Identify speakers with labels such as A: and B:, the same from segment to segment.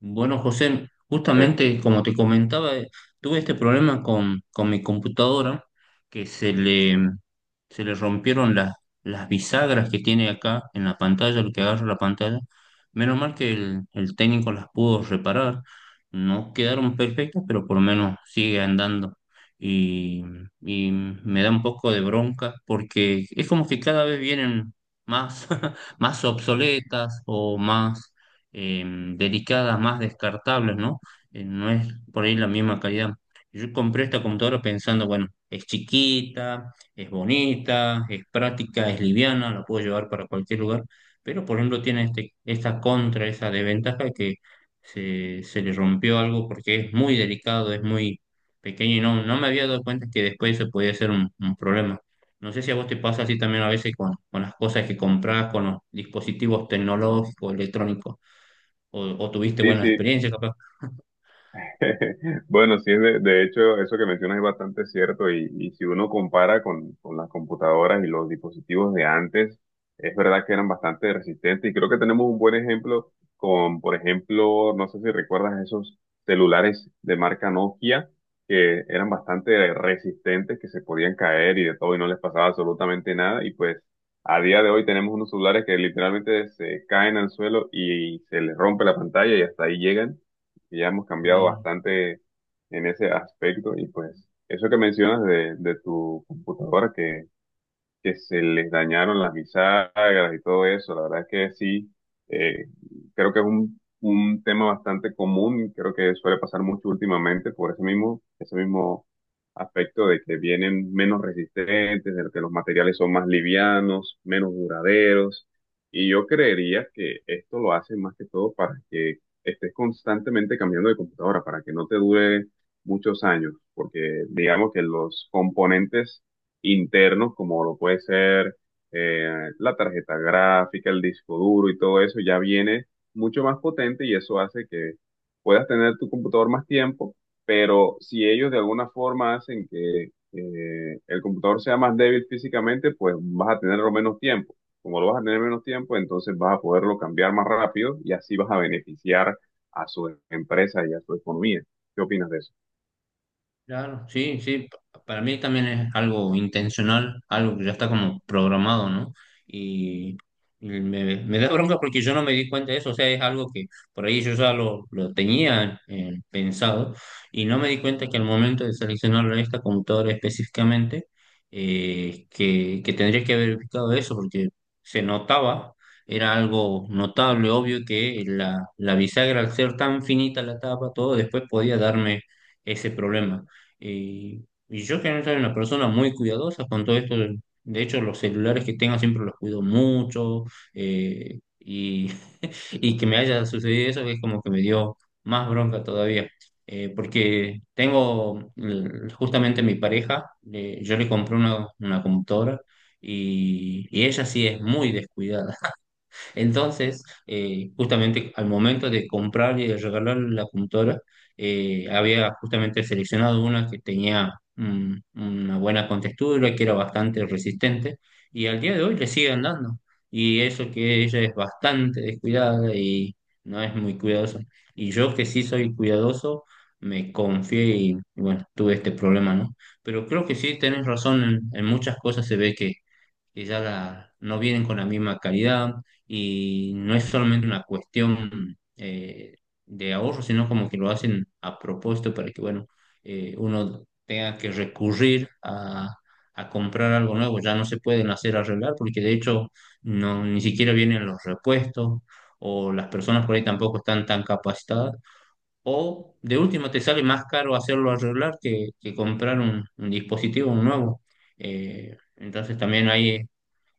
A: Bueno, José,
B: Eh,
A: justamente como te comentaba, tuve este problema con mi computadora, que se le rompieron las bisagras que tiene acá en la pantalla, lo que agarra la pantalla. Menos mal que el técnico las pudo reparar. No quedaron perfectas, pero por lo menos sigue andando. Y, y me da un poco de bronca porque es como que cada vez vienen más, más obsoletas o más eh, delicadas, más descartables, ¿no? No es por ahí la misma calidad. Yo compré esta computadora pensando, bueno, es chiquita, es bonita, es práctica, es liviana, la puedo llevar para cualquier lugar, pero por ejemplo tiene esta contra, esa desventaja que se le rompió algo porque es muy delicado, es muy pequeño y no me había dado cuenta que después se podía ser un problema. No sé si a vos te pasa así también a veces con las cosas que compras, con los dispositivos tecnológicos, electrónicos o tuviste
B: sí,
A: buenas
B: sí.
A: experiencias, capaz.
B: Bueno, sí, de hecho, eso que mencionas es bastante cierto y si uno compara con las computadoras y los dispositivos de antes, es verdad que eran bastante resistentes y creo que tenemos un buen ejemplo con, por ejemplo, no sé si recuerdas esos celulares de marca Nokia que eran bastante resistentes, que se podían caer y de todo y no les pasaba absolutamente nada y pues a día de hoy tenemos unos celulares que literalmente se caen al suelo y se les rompe la pantalla y hasta ahí llegan. Y ya hemos cambiado
A: Sí.
B: bastante en ese aspecto y pues eso que mencionas de tu computadora que se les dañaron las bisagras y todo eso. La verdad es que sí, eh, creo que es un tema bastante común, y creo que suele pasar mucho últimamente por ese mismo aspecto de que vienen menos resistentes, de que los materiales son más livianos, menos duraderos. Y yo creería que esto lo hacen más que todo para que estés constantemente cambiando de computadora, para que no te dure muchos años, porque digamos que los componentes internos, como lo puede ser eh, la tarjeta gráfica, el disco duro y todo eso, ya viene mucho más potente y eso hace que puedas tener tu computador más tiempo, pero si ellos de alguna forma hacen que el computador sea más débil físicamente, pues vas a tenerlo menos tiempo. Como lo vas a tener menos tiempo, entonces vas a poderlo cambiar más rápido y así vas a beneficiar a su empresa y a su economía. ¿Qué opinas de eso?
A: Claro, sí, sí, para mí también es algo intencional, algo que ya está como programado, ¿no? Y, y me da bronca porque yo no me di cuenta de eso, o sea, es algo que por ahí yo ya lo tenía pensado y no me di cuenta que al momento de seleccionarlo en esta computadora específicamente, que tendría que haber ubicado eso porque se notaba, era algo notable, obvio que la bisagra al ser tan finita la tapa, todo después podía darme ese problema. Eh, y yo generalmente soy una persona muy cuidadosa con todo esto. De hecho, los celulares que tengo siempre los cuido mucho. eh, y, y que me haya sucedido eso es como que me dio más bronca todavía. Porque tengo justamente mi pareja, yo le compré una computadora y ella sí es muy descuidada. Entonces, justamente al momento de comprarle y de regalarle la computadora, había justamente seleccionado una que tenía una buena contextura, que era bastante resistente, y al día de hoy le sigue andando. Y eso que ella es bastante descuidada y no es muy cuidadosa. Y yo que sí soy cuidadoso, me confié y bueno, tuve este problema, ¿no? Pero creo que sí tenés razón, en muchas cosas se ve que ya no vienen con la misma calidad y no es solamente una cuestión de ahorro, sino como que lo hacen a propósito para que, bueno, uno tenga que recurrir a comprar algo nuevo. Ya no se pueden hacer arreglar porque de hecho no, ni siquiera vienen los repuestos o las personas por ahí tampoco están tan capacitadas. O de último te sale más caro hacerlo arreglar que comprar un dispositivo nuevo. Entonces también ahí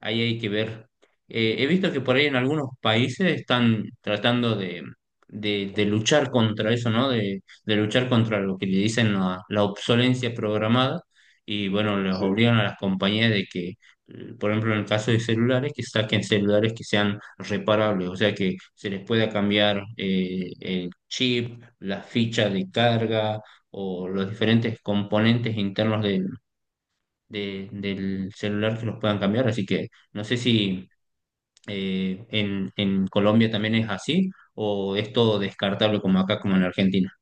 A: Ahí hay que ver. He visto que por ahí en algunos países están tratando de luchar contra eso, ¿no? De luchar contra lo que le dicen la obsolencia programada y bueno, les
B: Sí.
A: obligan a las compañías de que, por ejemplo, en el caso de celulares, que saquen celulares que sean reparables, o sea, que se les pueda cambiar el chip, las fichas de carga o los diferentes componentes internos del celular que los puedan cambiar. Así que no sé si en Colombia también es así o es todo descartable como acá, como en Argentina.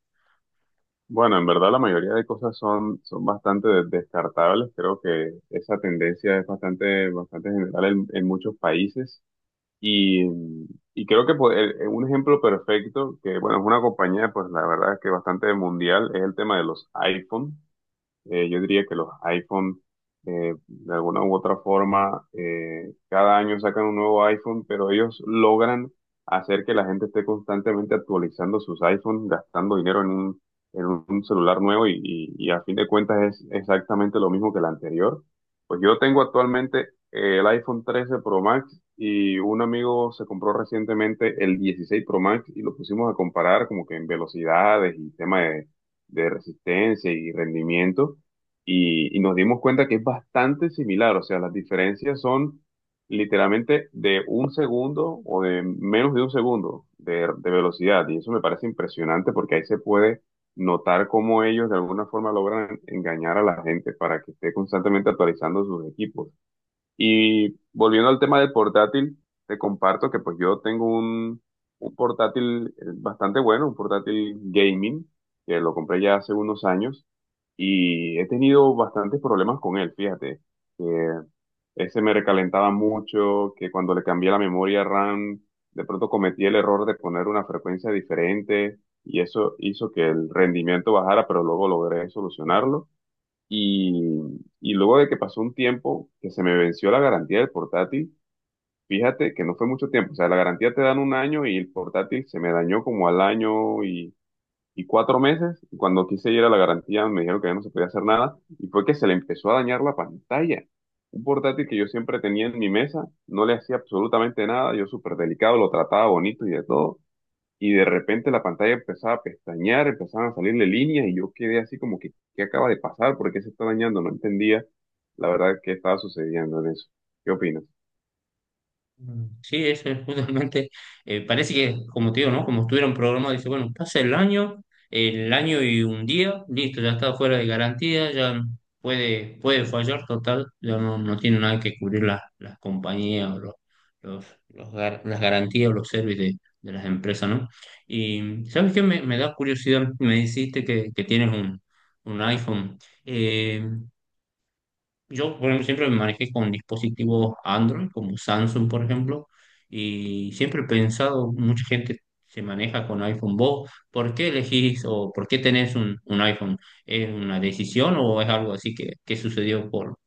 B: Bueno, en verdad la mayoría de cosas son bastante de- descartables. Creo que esa tendencia es bastante, bastante general en muchos países. Y, y creo que pues, un ejemplo perfecto, que bueno, es una compañía, pues la verdad es que bastante mundial, es el tema de los iPhone. Yo diría que los iPhone, de alguna u otra forma, cada año sacan un nuevo iPhone, pero ellos logran hacer que la gente esté constantemente actualizando sus iPhones, gastando dinero en un celular nuevo y, y a fin de cuentas es exactamente lo mismo que el anterior. Pues yo tengo actualmente el iPhone 13 Pro Max y un amigo se compró recientemente el 16 Pro Max y lo pusimos a comparar como que en velocidades y tema de resistencia y rendimiento y nos dimos cuenta que es bastante similar, o sea, las diferencias son literalmente de un segundo o de menos de un segundo de velocidad y eso me parece impresionante porque ahí se puede notar cómo ellos de alguna forma logran engañar a la gente para que esté constantemente actualizando sus equipos. Y volviendo al tema del portátil, te comparto que pues yo tengo un portátil bastante bueno, un portátil gaming, que lo compré ya hace unos años y he tenido bastantes problemas con él, fíjate, que ese me recalentaba mucho, que cuando le cambié la memoria RAM, de pronto cometí el error de poner una frecuencia diferente y eso hizo que el rendimiento bajara, pero luego logré solucionarlo. Y, y luego de que pasó un tiempo que se me venció la garantía del portátil, fíjate que no fue mucho tiempo, o sea, la garantía te dan un año y el portátil se me dañó como al año y cuatro meses, y cuando quise ir a la garantía me dijeron que ya no se podía hacer nada, y fue que se le empezó a dañar la pantalla. Un portátil que yo siempre tenía en mi mesa, no le hacía absolutamente nada, yo súper delicado, lo trataba bonito y de todo, y de repente la pantalla empezaba a pestañear, empezaban a salirle líneas y yo quedé así como que, ¿qué acaba de pasar? ¿Por qué se está dañando? No entendía la verdad qué estaba sucediendo en eso. ¿Qué opinas?
A: Mm, sí, eso es justamente, parece que, como te digo, ¿no? Como estuvieron programados, dice, bueno, pasa el año y un día, listo, ya está fuera de garantía, ya puede fallar, total, ya no, no tiene nada que cubrir las compañías o las garantías o los servicios de las empresas, ¿no? Y ¿sabes qué? Me da curiosidad, me dijiste que tienes un iPhone. Eh, yo, por ejemplo, siempre me manejé con dispositivos Android, como Samsung, por ejemplo, y siempre he pensado, mucha gente se maneja con iPhone. ¿Vos por qué elegís o por qué tenés un iPhone? ¿Es una decisión o es algo así que sucedió por,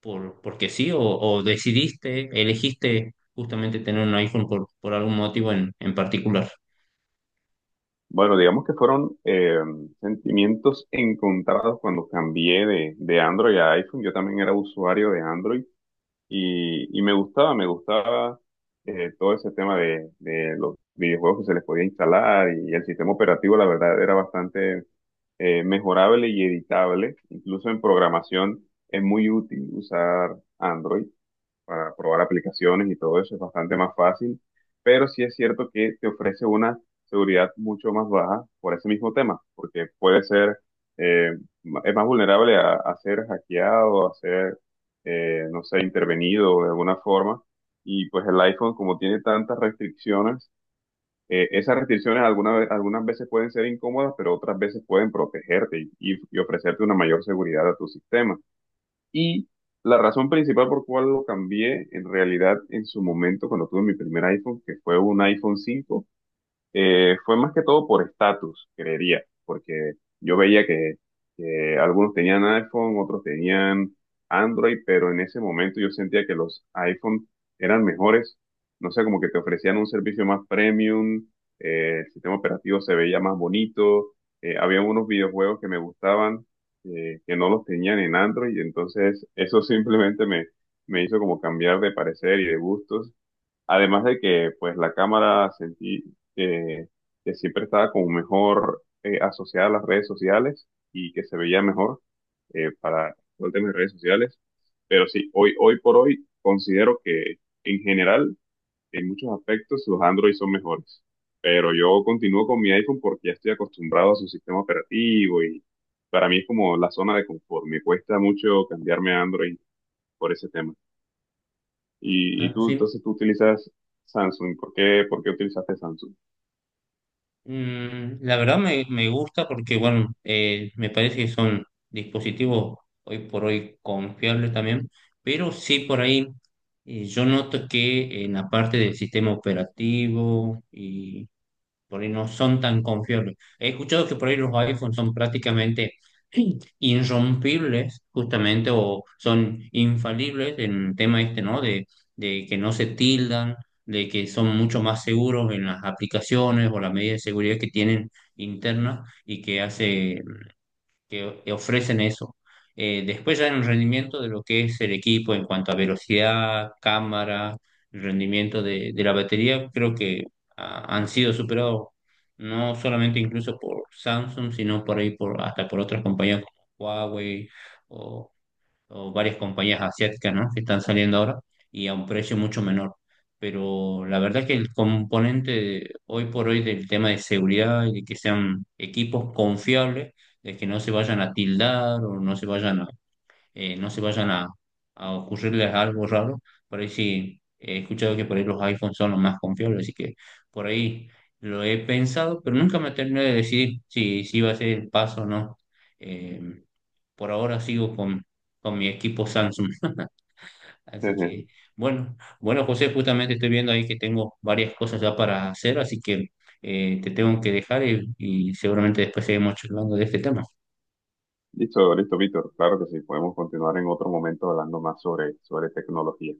A: por, porque sí? ¿ O decidiste, elegiste justamente tener un iPhone por algún motivo en particular?
B: Bueno, digamos que fueron sentimientos encontrados cuando cambié de Android a iPhone. Yo también era usuario de Android y me gustaba todo ese tema de los videojuegos que se les podía instalar y el sistema operativo, la verdad, era bastante mejorable y editable. Incluso en programación es muy útil usar Android para probar aplicaciones y todo eso es bastante más fácil, pero sí es cierto que te ofrece una seguridad mucho más baja por ese mismo tema, porque puede ser, eh, es más vulnerable a ser hackeado, a ser, no sé, intervenido de alguna forma, y pues el iPhone como tiene tantas restricciones, esas restricciones algunas veces pueden ser incómodas, pero otras veces pueden protegerte y y ofrecerte una mayor seguridad a tu sistema. Y la razón principal por cual lo cambié, en realidad, en su momento, cuando tuve mi primer iPhone, que fue un iPhone 5, fue más que todo por estatus, creería, porque yo veía que algunos tenían iPhone, otros tenían Android, pero en ese momento yo sentía que los iPhone eran mejores, no sé, como que te ofrecían un servicio más premium, el sistema operativo se veía más bonito, había unos videojuegos que me gustaban que no los tenían en Android, entonces eso simplemente me hizo como cambiar de parecer y de gustos. Además de que, pues, la cámara sentí eh, que siempre estaba como mejor asociada a las redes sociales y que se veía mejor para todo el tema de redes sociales. Pero sí, hoy, hoy por hoy considero que en general, en muchos aspectos, los Android son mejores. Pero yo continúo con mi iPhone porque ya estoy acostumbrado a su sistema operativo y para mí es como la zona de confort. Me cuesta mucho cambiarme a Android por ese tema. Y, y
A: Ah,
B: tú,
A: sí.
B: entonces tú utilizas Samsung. Por qué utilizaste Samsung?
A: Mm, la verdad me gusta porque, bueno, me parece que son dispositivos hoy por hoy confiables también, pero sí por ahí yo noto que en la parte del sistema operativo y por ahí no son tan confiables. He escuchado que por ahí los iPhones son prácticamente irrompibles, justamente, o son infalibles en el tema este, ¿no? De que no se tildan, de que son mucho más seguros en las aplicaciones o las medidas de seguridad que tienen internas y que hace que ofrecen eso. Después ya en el rendimiento de lo que es el equipo en cuanto a velocidad, cámara, el rendimiento de la batería, creo que han sido superados no solamente incluso por Samsung, sino por ahí por, hasta por otras compañías como Huawei o varias compañías asiáticas, ¿no?, que están saliendo ahora y a un precio mucho menor. Pero la verdad que el componente hoy por hoy del tema de seguridad y de que sean equipos confiables, de que no se vayan a tildar o no se vayan a, no se vayan a ocurrirles algo raro, por ahí sí he escuchado que por ahí los iPhones son los más confiables, así que por ahí lo he pensado, pero nunca me terminé de decidir si, si iba a ser el paso o no. Eh, por ahora sigo con mi equipo Samsung. Así que, bueno, José, justamente estoy viendo ahí que tengo varias cosas ya para hacer, así que te tengo que dejar y seguramente después seguimos charlando de este tema.
B: Listo, listo, Víctor. Claro que sí. Podemos continuar en otro momento hablando más sobre, sobre tecnología.